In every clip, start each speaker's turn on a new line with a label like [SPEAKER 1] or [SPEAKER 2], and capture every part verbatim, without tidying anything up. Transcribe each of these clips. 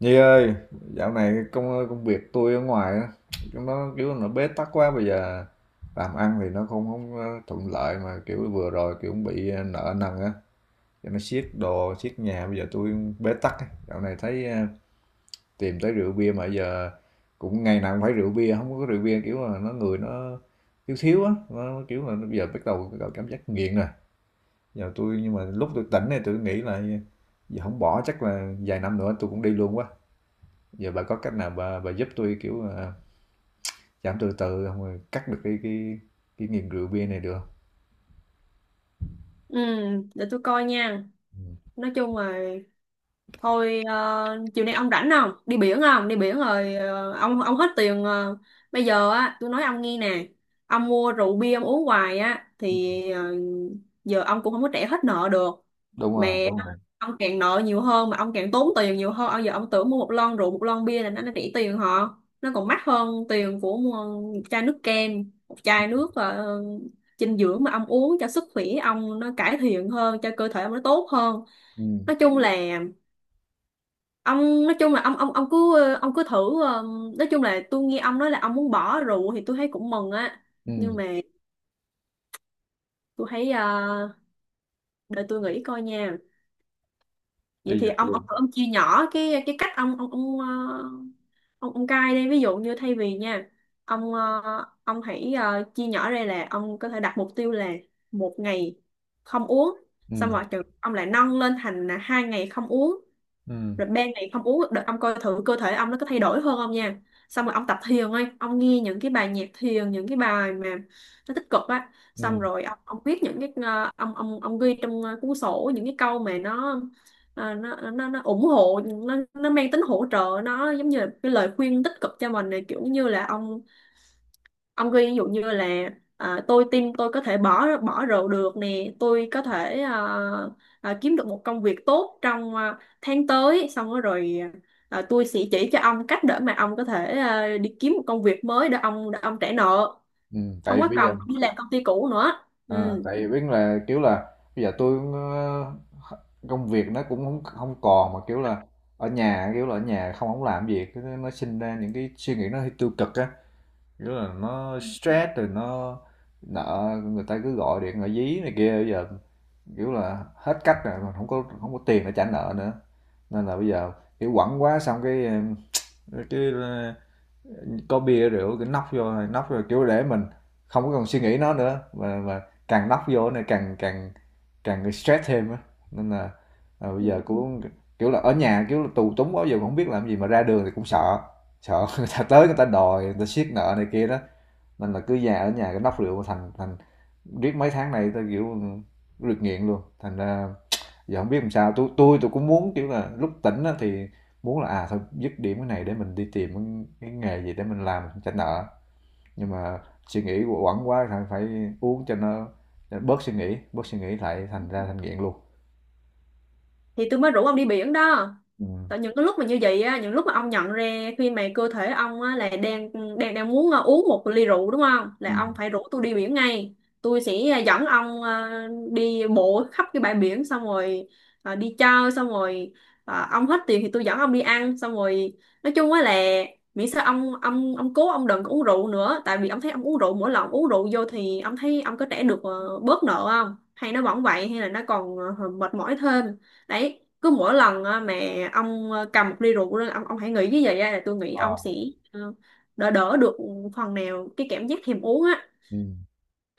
[SPEAKER 1] Nhi ơi, dạo này công công việc tôi ở ngoài á, chúng nó kiểu nó bế tắc quá. Bây giờ làm ăn thì nó không không ờ, thuận lợi mà kiểu vừa rồi kiểu cũng bị ờ, nợ nần á, cho nó siết đồ siết nhà, bây giờ tôi bế tắc á. Dạo này thấy ờ, tìm tới rượu bia mà giờ cũng ngày nào cũng phải rượu bia, không có rượu bia kiểu là nó người nó thiếu thiếu á, nó kiểu là nó bây giờ bắt đầu bắt đầu cảm giác nghiện rồi. Giờ tôi, nhưng mà lúc tôi tỉnh này tôi nghĩ là giờ không bỏ chắc là vài năm nữa tôi cũng đi luôn quá. Giờ bà có cách nào bà bà giúp tôi kiểu, à, giảm từ từ không rồi cắt được cái cái cái nghiện rượu bia này được không?
[SPEAKER 2] Ừ, để tôi coi nha.
[SPEAKER 1] Ừm,
[SPEAKER 2] Nói chung là Thôi ờ, Chiều nay ông rảnh không? Đi biển không? Đi biển rồi, ờ, ông ông hết tiền. ờ, Bây giờ á, tôi nói ông nghe nè. Ông mua rượu bia ông uống hoài á thì, ờ, giờ ông cũng không có trả hết nợ được.
[SPEAKER 1] đúng rồi,
[SPEAKER 2] Mẹ
[SPEAKER 1] đúng rồi.
[SPEAKER 2] ông càng nợ nhiều hơn mà ông càng tốn tiền nhiều hơn. Ông giờ ông tưởng mua một lon rượu, một lon bia là nó nó rẻ tiền họ. Nó còn mắc hơn tiền của mua một chai nước kem, một chai nước ờ, dinh dưỡng mà ông uống cho sức khỏe ông nó cải thiện hơn, cho cơ thể ông nó tốt hơn.
[SPEAKER 1] Ừm,
[SPEAKER 2] Nói chung là ông, nói chung là ông ông ông cứ, ờ, ông cứ thử. ờ, nói chung là tôi nghe ông nói là ông muốn bỏ rượu thì tôi thấy cũng mừng á, nhưng
[SPEAKER 1] ừm,
[SPEAKER 2] mà tôi thấy, ờ, để tôi nghĩ coi nha. Vậy
[SPEAKER 1] bây
[SPEAKER 2] thì
[SPEAKER 1] giờ
[SPEAKER 2] ông
[SPEAKER 1] tôi,
[SPEAKER 2] ông thử ông chia nhỏ cái cái cách ông ông ông ờ, ông ông cai đi, ví dụ như thay vì nha, ông ờ, ông hãy, ờ, chia nhỏ ra là ông có thể đặt mục tiêu là một ngày không uống, xong
[SPEAKER 1] ừm,
[SPEAKER 2] rồi chừng- ông lại nâng lên thành là hai ngày không uống,
[SPEAKER 1] ừm,
[SPEAKER 2] rồi ban này không uống được ông coi thử cơ thể ông nó có thay đổi hơn không nha. Xong rồi ông tập thiền ấy, ông nghe những cái bài nhạc thiền, những cái bài mà nó tích cực á.
[SPEAKER 1] ừm,
[SPEAKER 2] Xong rồi ông, ông viết những cái, ờ, ông ông ông ghi trong, ờ, cuốn sổ những cái câu mà nó, ờ, nó nó nó ủng hộ, nó nó mang tính hỗ trợ, nó giống như là cái lời khuyên tích cực cho mình này, kiểu như là ông ông khuyên ví dụ như là, à, tôi tin tôi có thể bỏ bỏ rượu được nè, tôi có thể, à, à, kiếm được một công việc tốt trong, à, tháng tới. Xong rồi, rồi à, tôi sẽ chỉ cho ông cách để mà ông có thể, à, đi kiếm một công việc mới để ông để ông trả nợ,
[SPEAKER 1] ừm,
[SPEAKER 2] không
[SPEAKER 1] tại
[SPEAKER 2] có
[SPEAKER 1] bây giờ
[SPEAKER 2] cần đi làm công ty cũ nữa.
[SPEAKER 1] ờ, tại biết là, kiểu là, bây giờ tôi ơ, công việc nó cũng không hông còn mà, kiểu là, ở nhà, kiểu là, ở nhà không hổng làm việc cái nó sinh ra những cái suy nghĩ nó hơi tiêu cực á, kiểu là, nó stress rồi nó nợ, người ta cứ gọi điện, gọi dí này kia. Bây giờ kiểu là hết cách rồi mà không có không có tiền để trả nợ nữa, nên là bây giờ kiểu quẳng quá xong cái cái có bia rượu cứ nóc vô nóc vô kiểu để mình không có còn suy nghĩ nó nữa. Mà mà càng nóc vô này càng càng càng stress thêm á, nên là à, bây giờ
[SPEAKER 2] Ừ.
[SPEAKER 1] cũng kiểu là ở nhà kiểu là tù túng quá, giờ cũng không biết làm gì mà ra đường thì cũng sợ, sợ người ta tới người ta đòi người ta siết nợ này kia đó, nên là cứ già ở nhà cái nóc rượu thành thành riết mấy tháng này tôi kiểu được nghiện luôn. Thành ra giờ không biết làm sao, tôi tôi tôi cũng muốn kiểu là lúc tỉnh á, thì muốn là à thôi dứt điểm cái này để mình đi tìm cái- nghề gì để mình làm mình trả nợ, nhưng mà suy nghĩ quẩn quá phải phải uống cho nó để bớt suy nghĩ bớt suy nghĩ lại, thành ra thành nghiện luôn.
[SPEAKER 2] Thì tôi mới rủ ông đi biển đó.
[SPEAKER 1] Ừ.
[SPEAKER 2] Tại những cái lúc mà như vậy á, những lúc mà ông nhận ra khi mà cơ thể ông á là đang, đang đang muốn, à, uống một ly rượu đúng không,
[SPEAKER 1] Ừ.
[SPEAKER 2] là ông phải rủ tôi đi biển ngay. Tôi sẽ, à, dẫn ông, à, đi bộ khắp cái bãi biển, xong rồi à, đi chơi, xong rồi, à, ông hết tiền thì tôi dẫn ông đi ăn. Xong rồi nói chung á là miễn sao ông ông ông cố, ông đừng có uống rượu nữa. Tại vì ông thấy ông uống rượu, mỗi lần ông uống rượu vô thì ông thấy ông có trả được, ờ, bớt nợ không, hay nó vẫn vậy, hay là nó còn ờ, mệt mỏi thêm. Đấy, cứ mỗi lần á, mà ông, ờ, cầm một ly rượu lên, ông ông hãy nghĩ như vậy á, là tôi nghĩ ông
[SPEAKER 1] Ờ.
[SPEAKER 2] sẽ, ờ, đỡ, đỡ được phần nào cái cảm giác thèm uống á.
[SPEAKER 1] Ừ.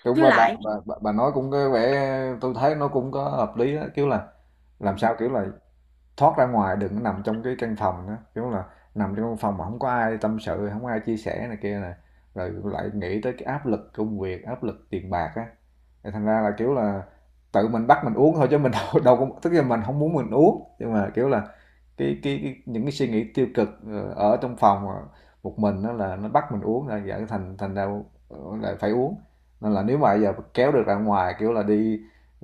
[SPEAKER 1] Đúng,
[SPEAKER 2] Với
[SPEAKER 1] bà, bà,
[SPEAKER 2] lại
[SPEAKER 1] bà, bà bà nói cũng có vẻ, tôi thấy nó cũng có hợp lý đó, kiểu là làm sao kiểu là thoát ra ngoài, đừng nằm trong cái căn phòng đó. Kiểu là nằm trong căn phòng mà không có ai tâm sự, không có ai chia sẻ này kia này, rồi lại nghĩ tới cái áp lực công việc, áp lực tiền bạc á, thành ra là kiểu là tự mình bắt mình uống thôi, chứ mình đâu, đâu có, tức là mình không muốn mình uống nhưng mà kiểu là cái cái, cái những cái suy nghĩ tiêu cực ờ, ở trong phòng một mình đó là nó bắt mình uống, là dẫn thành thành ra ờ, lại phải uống. Nên là nếu mà bây giờ kéo được ra ngoài kiểu là đi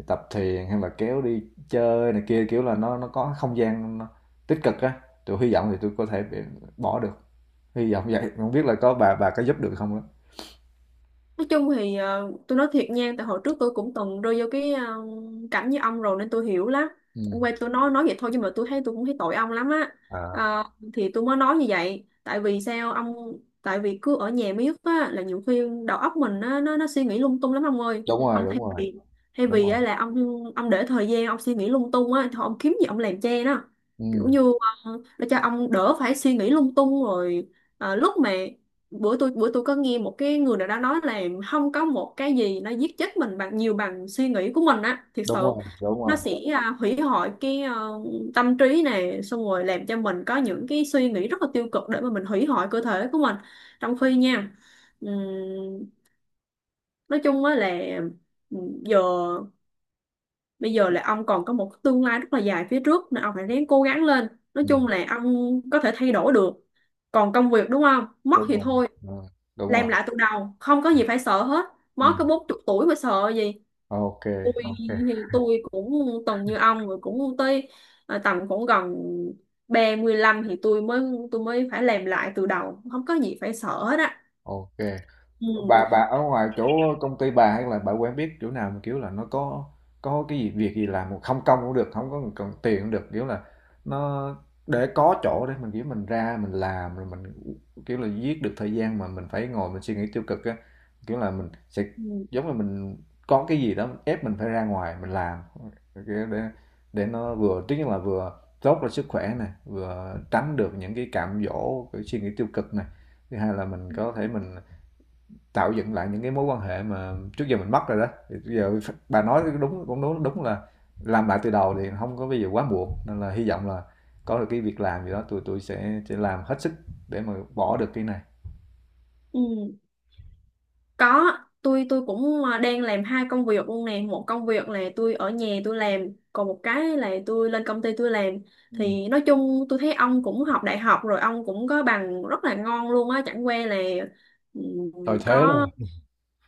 [SPEAKER 1] tập thiền hay là kéo đi chơi này kia, kiểu là, nó nó có không gian nó tích cực á, tôi hy vọng thì tôi có thể b bỏ được, hy vọng vậy, không biết là có bà bà có giúp được không á?
[SPEAKER 2] nói chung thì, ờ, tôi nói thiệt nha, tại hồi trước tôi cũng từng rơi vô cái, ờ, cảnh như ông rồi nên tôi hiểu lắm.
[SPEAKER 1] Ừm,
[SPEAKER 2] Ông quay tôi nói nói vậy thôi, nhưng mà tôi thấy tôi cũng thấy tội ông lắm á.
[SPEAKER 1] à,
[SPEAKER 2] Ờ, thì tôi mới nói như vậy. Tại vì sao ông, tại vì cứ ở nhà miết á là nhiều khi đầu óc mình nó nó, nó suy nghĩ lung tung lắm ông ơi.
[SPEAKER 1] đúng rồi,
[SPEAKER 2] Ông
[SPEAKER 1] đúng
[SPEAKER 2] thay
[SPEAKER 1] rồi,
[SPEAKER 2] vì, thay
[SPEAKER 1] đúng
[SPEAKER 2] vì
[SPEAKER 1] rồi,
[SPEAKER 2] á, là ông ông để thời gian ông suy nghĩ lung tung á, thôi ông kiếm gì ông làm che nó, kiểu
[SPEAKER 1] ừm,
[SPEAKER 2] như, ờ, để cho ông đỡ phải suy nghĩ lung tung. Rồi, Ờ, lúc mà bữa tôi bữa tôi có nghe một cái người nào đó nói là không có một cái gì nó giết chết mình bằng nhiều bằng suy nghĩ của mình á, thiệt
[SPEAKER 1] đúng
[SPEAKER 2] sự
[SPEAKER 1] rồi, đúng
[SPEAKER 2] nó
[SPEAKER 1] rồi,
[SPEAKER 2] sẽ, à, hủy hoại cái, ờ, tâm trí này, xong rồi làm cho mình có những cái suy nghĩ rất là tiêu cực để mà mình hủy hoại cơ thể của mình, trong khi nha, ừm, nói chung á là, ừm, giờ bây giờ là ông còn có một tương lai rất là dài phía trước, nên ông phải ráng cố gắng lên. Nói
[SPEAKER 1] ừm,
[SPEAKER 2] chung là ông có thể thay đổi được. Còn công việc đúng không, mất
[SPEAKER 1] đúng
[SPEAKER 2] thì
[SPEAKER 1] rồi,
[SPEAKER 2] thôi,
[SPEAKER 1] ờ, đúng
[SPEAKER 2] làm
[SPEAKER 1] rồi,
[SPEAKER 2] lại từ đầu, không có gì phải sợ hết. Mới
[SPEAKER 1] ừm,
[SPEAKER 2] có bốn chục tuổi mà sợ gì.
[SPEAKER 1] ok,
[SPEAKER 2] Tôi
[SPEAKER 1] ok ô
[SPEAKER 2] thì tôi cũng từng như ông rồi, cũng tới, à, tầm cũng gần ba mươi lăm thì tôi mới tôi mới phải làm lại từ đầu, không có gì phải sợ hết á. Ừ.
[SPEAKER 1] bà bà ở ngoài chỗ công ty bà hay là bà quen biết chỗ nào mà kiểu là nó có có cái gì việc gì làm mà không công cũng được, không có cần tiền cũng được, kiểu là nó để có chỗ để mình kiểu mình ra mình làm rồi mình kiểu là giết được thời gian mà mình phải ngồi mình suy nghĩ tiêu cực á, kiểu là mình sẽ
[SPEAKER 2] Ừ.
[SPEAKER 1] giống là mình có cái gì đó ép mình phải ra ngoài mình làm, kiểu để để nó vừa, thứ nhất là vừa tốt cho sức khỏe này, vừa tránh được những cái cám dỗ cái suy nghĩ tiêu cực này, thứ hai là mình có thể mình tạo dựng lại những cái mối quan hệ mà trước giờ mình mất rồi đó. Thì giờ bà nói đúng, cũng đúng, đúng là làm lại từ đầu thì không có bây giờ quá muộn, nên là hy vọng là có được cái việc làm gì đó tụi tôi sẽ sẽ làm hết sức để mà bỏ được cái này.
[SPEAKER 2] Ừ. Có, tôi tôi cũng, à, đang làm hai công việc luôn nè. Một công việc là tôi ở nhà tôi làm, còn một cái là tôi lên công ty tôi làm.
[SPEAKER 1] Ừ.
[SPEAKER 2] Thì nói chung tôi thấy ông cũng học đại học rồi, ông cũng có bằng rất là ngon luôn á, chẳng qua là, ừm,
[SPEAKER 1] Thời thế rồi.
[SPEAKER 2] có,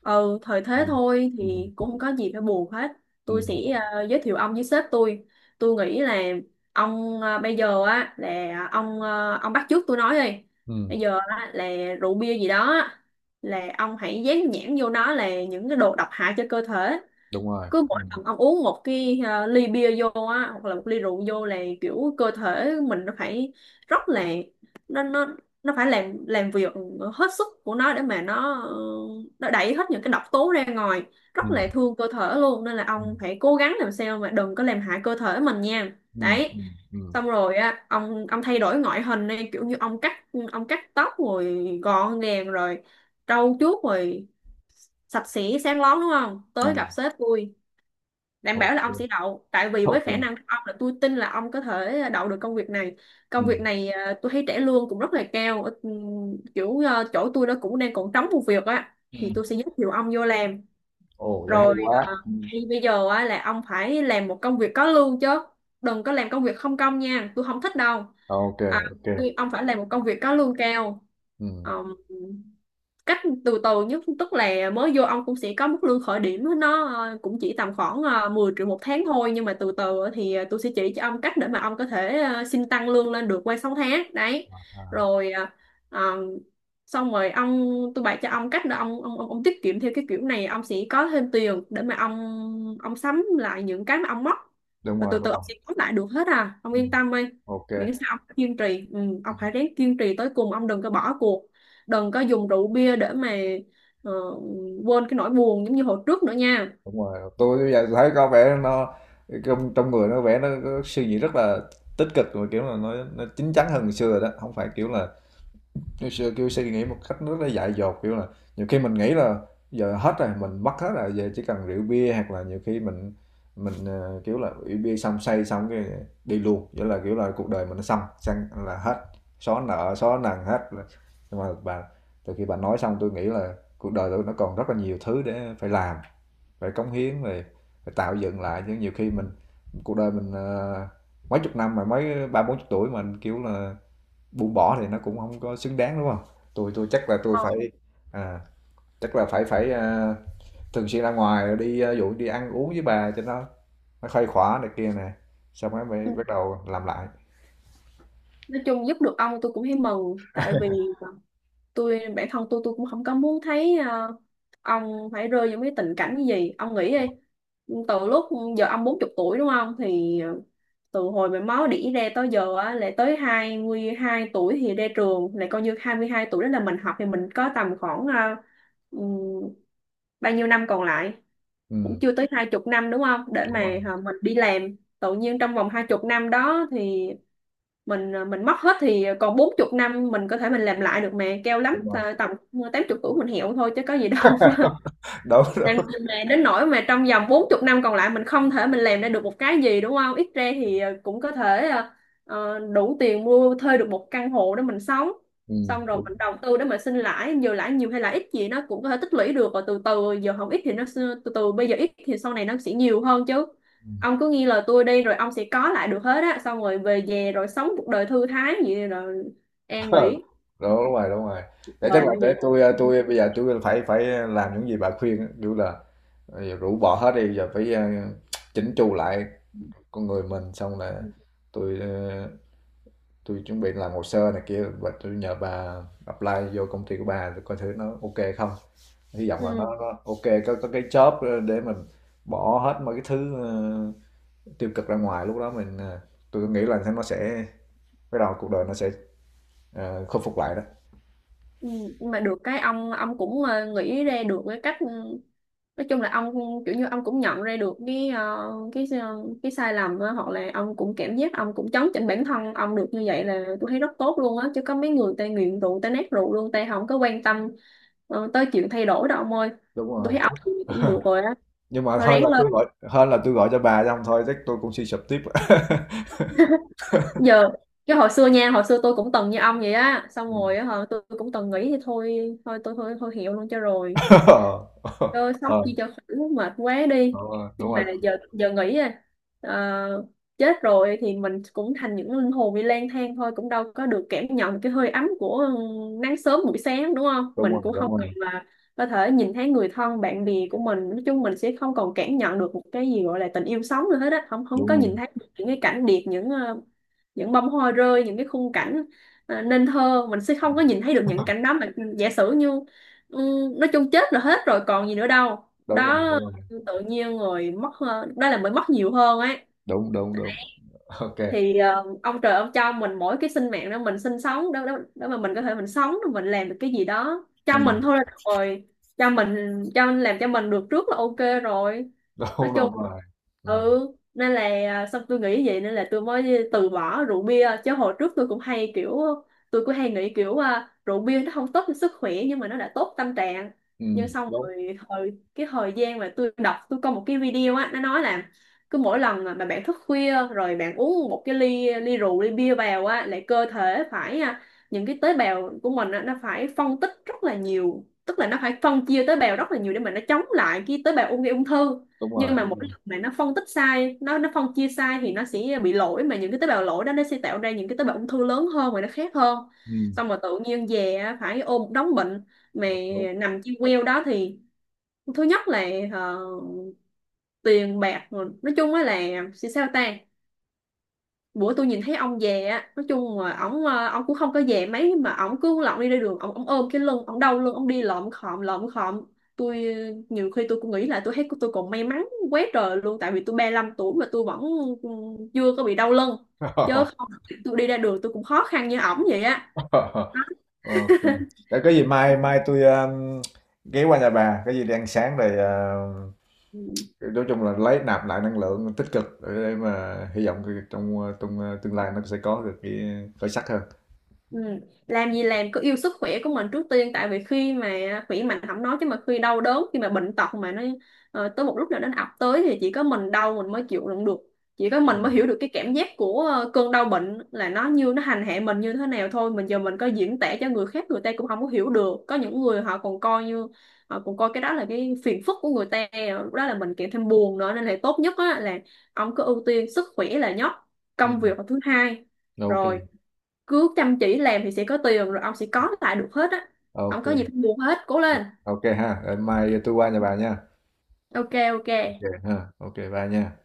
[SPEAKER 2] ừ, thời
[SPEAKER 1] Ừ.
[SPEAKER 2] thế thôi,
[SPEAKER 1] Ừ.
[SPEAKER 2] thì cũng không có gì phải buồn hết. Tôi
[SPEAKER 1] Ừ.
[SPEAKER 2] sẽ, à, giới thiệu ông với sếp tôi. Tôi nghĩ là ông, à, bây giờ á là ông, à, ông bắt chước tôi nói đi.
[SPEAKER 1] Ừ.
[SPEAKER 2] Bây giờ á là rượu bia gì đó là ông hãy dán nhãn vô nó là những cái đồ độc hại cho cơ thể.
[SPEAKER 1] Đúng rồi.
[SPEAKER 2] Cứ
[SPEAKER 1] Ừ.
[SPEAKER 2] mỗi lần ông uống một cái, à, ly bia vô á, hoặc là một ly rượu vô, là kiểu cơ thể mình nó phải rất là, nó nó nó phải làm làm việc hết sức của nó để mà nó, ờ, nó đẩy hết những cái độc tố ra ngoài,
[SPEAKER 1] Ừ.
[SPEAKER 2] rất là thương cơ thể luôn. Nên là
[SPEAKER 1] Ừ.
[SPEAKER 2] ông phải cố gắng làm sao mà đừng có làm hại cơ thể mình nha,
[SPEAKER 1] Ừ.
[SPEAKER 2] đấy.
[SPEAKER 1] Ừ. Ừ.
[SPEAKER 2] Xong rồi á ông ông thay đổi ngoại hình đi, kiểu như ông cắt ông cắt tóc rồi gọn gàng rồi trau chuốt rồi sạch sẽ sáng lón, đúng không, tới gặp
[SPEAKER 1] Ừ.
[SPEAKER 2] sếp tôi, đảm bảo là ông
[SPEAKER 1] Ok.
[SPEAKER 2] sẽ đậu. Tại vì với khả
[SPEAKER 1] Ok.
[SPEAKER 2] năng của ông là tôi tin là ông có thể đậu được công việc này.
[SPEAKER 1] Ừ.
[SPEAKER 2] Công việc này, à, tôi thấy trả lương cũng rất là cao. Ờ, Ừm, kiểu à, chỗ tôi nó cũng đang còn trống một việc á,
[SPEAKER 1] Ừ.
[SPEAKER 2] thì tôi sẽ giới thiệu ông vô làm.
[SPEAKER 1] Ồ vậy hay
[SPEAKER 2] Rồi, à,
[SPEAKER 1] quá. Ừ.
[SPEAKER 2] thì bây giờ á, là ông phải làm một công việc có lương chứ, đừng có làm công việc không công nha, tôi không thích đâu.
[SPEAKER 1] Ok.
[SPEAKER 2] à,
[SPEAKER 1] Ok.
[SPEAKER 2] tôi- ông phải làm một công việc có lương cao.
[SPEAKER 1] Ừ.
[SPEAKER 2] Ờm, Cách từ từ nhất tức là mới vô ông cũng sẽ có mức lương khởi điểm nó, ờ, cũng chỉ tầm khoảng ờ, mười triệu một tháng thôi. Nhưng mà từ từ thì, ờ, tôi sẽ chỉ cho ông cách để mà ông có thể, ờ, xin tăng lương lên được qua sáu tháng đấy.
[SPEAKER 1] À,
[SPEAKER 2] Rồi, ờ, ờ, xong rồi ông, tôi bày cho ông cách để ông, ông ông ông tiết kiệm theo cái kiểu này, ông sẽ có thêm tiền để mà ông ông sắm lại những cái mà ông mất,
[SPEAKER 1] đúng
[SPEAKER 2] và
[SPEAKER 1] rồi,
[SPEAKER 2] từ
[SPEAKER 1] đúng
[SPEAKER 2] từ
[SPEAKER 1] rồi.
[SPEAKER 2] ông sẽ có lại được hết. À, ông
[SPEAKER 1] Ừ.
[SPEAKER 2] yên tâm đi,
[SPEAKER 1] Ok.
[SPEAKER 2] miễn sao ông kiên trì. Ừ, ông phải ráng kiên trì tới cùng, ông đừng có bỏ cuộc, đừng có dùng rượu bia để mà, ờ, quên cái nỗi buồn giống như hồi trước nữa nha.
[SPEAKER 1] Đúng rồi, tôi bây giờ thấy có vẻ nó, trong trong người nó vẻ nó có suy nghĩ rất là tích cực rồi, kiểu là nó nó chín chắn hơn ngày xưa rồi đó, không phải kiểu là ngày xưa, kiểu, suy nghĩ một cách rất là dại dột. Kiểu là, nhiều khi mình nghĩ là giờ hết rồi, mình mất hết rồi, giờ chỉ cần rượu bia, hoặc là nhiều khi mình mình, ờ, kiểu là, rượu bia xong say xong cái đi luôn, nghĩa là, kiểu là, cuộc đời mình nó xong, xong là hết, xóa nợ, xóa nần hết. Nhưng mà bà, từ khi bà nói xong tôi nghĩ là cuộc đời tôi nó còn rất là nhiều thứ để phải làm, phải cống hiến, về phải tạo dựng lại chứ, nhiều khi mình cuộc đời mình, ờ, mấy chục năm mà mới ba bốn chục tuổi mà, kiểu là, buông bỏ thì nó cũng không có xứng đáng, đúng không? Tôi tôi chắc là tôi
[SPEAKER 2] Ờ.
[SPEAKER 1] phải à, chắc là phải phải, a, thường xuyên ra ngoài đi, a, ví dụ đi ăn uống với bà cho nó nó khuây khỏa này kia nè, xong rồi
[SPEAKER 2] Ừ.
[SPEAKER 1] mới bắt đầu làm lại.
[SPEAKER 2] Nói chung giúp được ông tôi cũng thấy mừng, tại vì tôi, bản thân tôi tôi cũng không có muốn thấy, ờ, ông phải rơi vào cái tình cảnh như gì ông nghĩ đi. Từ lúc, giờ ông bốn chục tuổi đúng không, thì, ờ, từ hồi mà máu đỉ ra tới giờ á lại tới hai mươi hai tuổi thì ra trường, lại coi như hai mươi hai tuổi đó là mình học, thì mình có tầm khoảng, ờ, ừm, bao nhiêu năm còn lại, cũng
[SPEAKER 1] Ừm,
[SPEAKER 2] chưa tới hai chục năm đúng không, để
[SPEAKER 1] đúng
[SPEAKER 2] mà
[SPEAKER 1] rồi,
[SPEAKER 2] hả, mình đi làm tự nhiên trong vòng hai chục năm đó thì mình, à, mình mất hết, thì còn bốn chục năm mình có thể mình làm lại được mà, keo lắm
[SPEAKER 1] đúng rồi.
[SPEAKER 2] à, tầm tám chục tuổi mình hiểu thôi chứ có gì đâu
[SPEAKER 1] Đúng,
[SPEAKER 2] làm
[SPEAKER 1] đúng.
[SPEAKER 2] gì mà đến nỗi mà trong vòng bốn chục năm còn lại mình không thể mình làm ra được một cái gì, đúng không? Ít ra thì, ờ, cũng có thể, ờ, ờ, đủ tiền mua thuê được một căn hộ để mình sống.
[SPEAKER 1] Ừm,
[SPEAKER 2] Xong rồi
[SPEAKER 1] đúng,
[SPEAKER 2] mình đầu tư để mình sinh lãi. Giờ lãi nhiều hay là ít gì nó cũng có thể tích lũy được rồi từ từ. Giờ không ít thì nó sẽ- từ từ bây giờ ít thì sau này nó sẽ nhiều hơn chứ.
[SPEAKER 1] ừm.
[SPEAKER 2] Ông cứ nghe lời tôi đi rồi ông sẽ có lại được hết á, xong rồi về về rồi sống cuộc đời thư thái vậy rồi an
[SPEAKER 1] Ờ,
[SPEAKER 2] nghỉ
[SPEAKER 1] đúng rồi, đúng rồi.
[SPEAKER 2] cuộc
[SPEAKER 1] Để chắc
[SPEAKER 2] đời
[SPEAKER 1] là
[SPEAKER 2] như
[SPEAKER 1] để
[SPEAKER 2] vậy.
[SPEAKER 1] tôi a, tui bây giờ tôi phải phải làm những gì bà khuyên á, kiểu là, bây rũ bỏ hết đi, giờ phải, a, chỉnh chu lại con người mình, xong là tôi. À, tôi chuẩn bị làm hồ sơ này kia và tôi nhờ bà apply vô công ty của bà để coi thử nó ok không, hy vọng là
[SPEAKER 2] Ừ.
[SPEAKER 1] nó, nó ok, có có cái job để mình bỏ hết mấy cái thứ ờ, tiêu cực ra ngoài, lúc đó mình ờ, tôi nghĩ là nó sẽ bắt đầu, cuộc đời nó sẽ ờ, khôi phục lại đó.
[SPEAKER 2] Ừ, nhưng mà được cái ông ông cũng ờ, nghĩ ra được cái cách, ừ, nói chung là ông kiểu như ông cũng nhận ra được cái ờ, cái ờ, cái sai lầm á, hoặc là ông cũng cảm giác ông cũng chấn chỉnh bản thân ông được, như vậy là tôi thấy rất tốt luôn á. Chứ có mấy người ta nghiện rượu, ta nát rượu luôn, ta không có quan tâm ờ, tới chuyện thay đổi đâu ông ơi.
[SPEAKER 1] Đúng
[SPEAKER 2] Tôi
[SPEAKER 1] rồi.
[SPEAKER 2] thấy ông cũng được rồi á,
[SPEAKER 1] Nhưng mà
[SPEAKER 2] nó
[SPEAKER 1] hơn là
[SPEAKER 2] ráng lên.
[SPEAKER 1] tôi gọi, hơn là tôi gọi cho bà xong thôi chắc tôi cũng suy sụp tiếp.
[SPEAKER 2] Giờ cái hồi xưa nha, hồi xưa tôi cũng từng như ông vậy á, xong
[SPEAKER 1] Ừ.
[SPEAKER 2] rồi á hả, tôi cũng từng nghĩ thì thôi thôi tôi thôi thôi hiểu luôn cho rồi. Tôi sống
[SPEAKER 1] Ờ.
[SPEAKER 2] chi cho khỏe, mệt quá đi.
[SPEAKER 1] Ờ, đúng
[SPEAKER 2] Nhưng mà
[SPEAKER 1] rồi,
[SPEAKER 2] giờ giờ nghĩ à, ờ, chết rồi thì mình cũng thành những linh hồn đi lang thang thôi, cũng đâu có được cảm nhận cái hơi ấm của, ừ, nắng sớm buổi sáng đúng không.
[SPEAKER 1] đúng rồi,
[SPEAKER 2] Mình cũng
[SPEAKER 1] đúng
[SPEAKER 2] không còn
[SPEAKER 1] rồi,
[SPEAKER 2] là có thể nhìn thấy người thân bạn bè của mình. Nói chung mình sẽ không còn cảm nhận được một cái gì gọi là tình yêu sống nữa hết á, không không
[SPEAKER 1] đúng
[SPEAKER 2] có
[SPEAKER 1] rồi,
[SPEAKER 2] nhìn thấy được những cái cảnh đẹp, những ờ, những bông hoa rơi, những cái khung cảnh ờ, nên thơ, mình sẽ không có nhìn thấy được những cảnh đó mà. Giả sử như, ừ, nói chung chết là hết rồi, còn gì nữa đâu
[SPEAKER 1] đúng rồi,
[SPEAKER 2] đó.
[SPEAKER 1] đúng rồi, đúng rồi,
[SPEAKER 2] Tự nhiên rồi mất, ờ, đó là mới mất nhiều hơn ấy.
[SPEAKER 1] đúng, đúng, đúng, ok.
[SPEAKER 2] Thì ờ, ông trời ông cho mình mỗi cái sinh mạng đó, mình sinh sống đó, đó đó mà mình có thể mình sống rồi mình làm được cái gì đó cho
[SPEAKER 1] Ừ.
[SPEAKER 2] mình thôi là được rồi. Cho mình, cho làm cho mình được trước là ok rồi. Nói
[SPEAKER 1] Đúng, đúng
[SPEAKER 2] chung,
[SPEAKER 1] rồi. Ừm,
[SPEAKER 2] ừ, nên là à, xong tôi nghĩ vậy nên là tôi mới từ bỏ rượu bia. Chứ hồi trước tôi cũng hay kiểu, tôi cũng hay nghĩ kiểu à, rượu bia nó không tốt cho sức khỏe nhưng mà nó đã tốt tâm trạng. Nhưng
[SPEAKER 1] ừm,
[SPEAKER 2] xong
[SPEAKER 1] đúng,
[SPEAKER 2] rồi hồi cái thời gian mà tôi đọc, tôi có một cái video á, nó nói là cứ mỗi lần mà bạn thức khuya rồi bạn uống một cái ly ly rượu, ly bia vào á, lại cơ thể phải à, những cái tế bào của mình á, nó phải phân tích rất là nhiều, tức là nó phải phân chia tế bào rất là nhiều để mà nó chống lại cái tế bào ung gây ung thư.
[SPEAKER 1] đúng rồi,
[SPEAKER 2] Nhưng mà
[SPEAKER 1] đúng
[SPEAKER 2] mỗi
[SPEAKER 1] rồi.
[SPEAKER 2] lần mà nó phân tích sai, nó nó phân chia sai thì nó sẽ bị lỗi, mà những cái tế bào lỗi đó nó sẽ tạo ra những cái tế bào ung thư lớn hơn và nó khác hơn.
[SPEAKER 1] Ừm,
[SPEAKER 2] Xong rồi tự nhiên về á, phải ôm một đống bệnh mà
[SPEAKER 1] đúng.
[SPEAKER 2] nằm trên queo đó thì thứ nhất là, ờ, tiền bạc rồi. Nói chung á là sẽ sao ta. Bữa tôi nhìn thấy ông về á, nói chung là ổng ờ, ổng cũng không có về mấy mà ổng cứ lọng đi ra đường, ổng ổng ôm cái lưng, ổng đau lưng, ổng đi lợm khọm lợm khọm. Tôi ờ, nhiều khi tôi cũng nghĩ là tôi thấy tôi còn may mắn quá trời luôn, tại vì tôi ba lăm tuổi mà tôi vẫn, ừ, chưa có bị đau lưng. Chứ không tôi đi ra đường tôi cũng khó khăn như ổng vậy á.
[SPEAKER 1] Ờ, ừm. Để có gì mai
[SPEAKER 2] Đó.
[SPEAKER 1] mai tôi a, ghé qua nhà bà, cái gì đi ăn sáng rồi, à,
[SPEAKER 2] Ừ.
[SPEAKER 1] nói chung là lấy nạp lại năng lượng tích cực để mà hy vọng cái trong, a, trong, tương lai nó sẽ có được cái khởi sắc hơn.
[SPEAKER 2] Ừ. Làm gì làm cứ yêu sức khỏe của mình trước tiên, tại vì khi mà khỏe mạnh không nói chứ mà khi đau đớn, khi mà bệnh tật mà nó ờ, tới một lúc nào nó ập tới thì chỉ có mình đau mình mới chịu đựng được, chỉ có mình mới hiểu được cái cảm giác của, ờ, cơn đau bệnh là nó như nó hành hạ mình như thế nào thôi. Mình giờ mình có diễn tả cho người khác người ta cũng không có hiểu được, có những người họ còn coi như họ còn coi cái đó là cái phiền phức của người ta, lúc đó là mình kèm thêm buồn nữa. Nên là tốt nhất á, là ông cứ ưu tiên sức khỏe là nhất, công
[SPEAKER 1] Ừm,
[SPEAKER 2] việc là thứ hai.
[SPEAKER 1] ok,
[SPEAKER 2] Rồi cứ chăm chỉ làm thì sẽ có tiền, rồi ông sẽ có lại được hết á,
[SPEAKER 1] ok
[SPEAKER 2] không có
[SPEAKER 1] kê,
[SPEAKER 2] gì phải buồn hết, cố lên.
[SPEAKER 1] ha, để mai tôi qua nhà bà nha.
[SPEAKER 2] Ok, ok
[SPEAKER 1] Ok, ha, ok bà bye nha.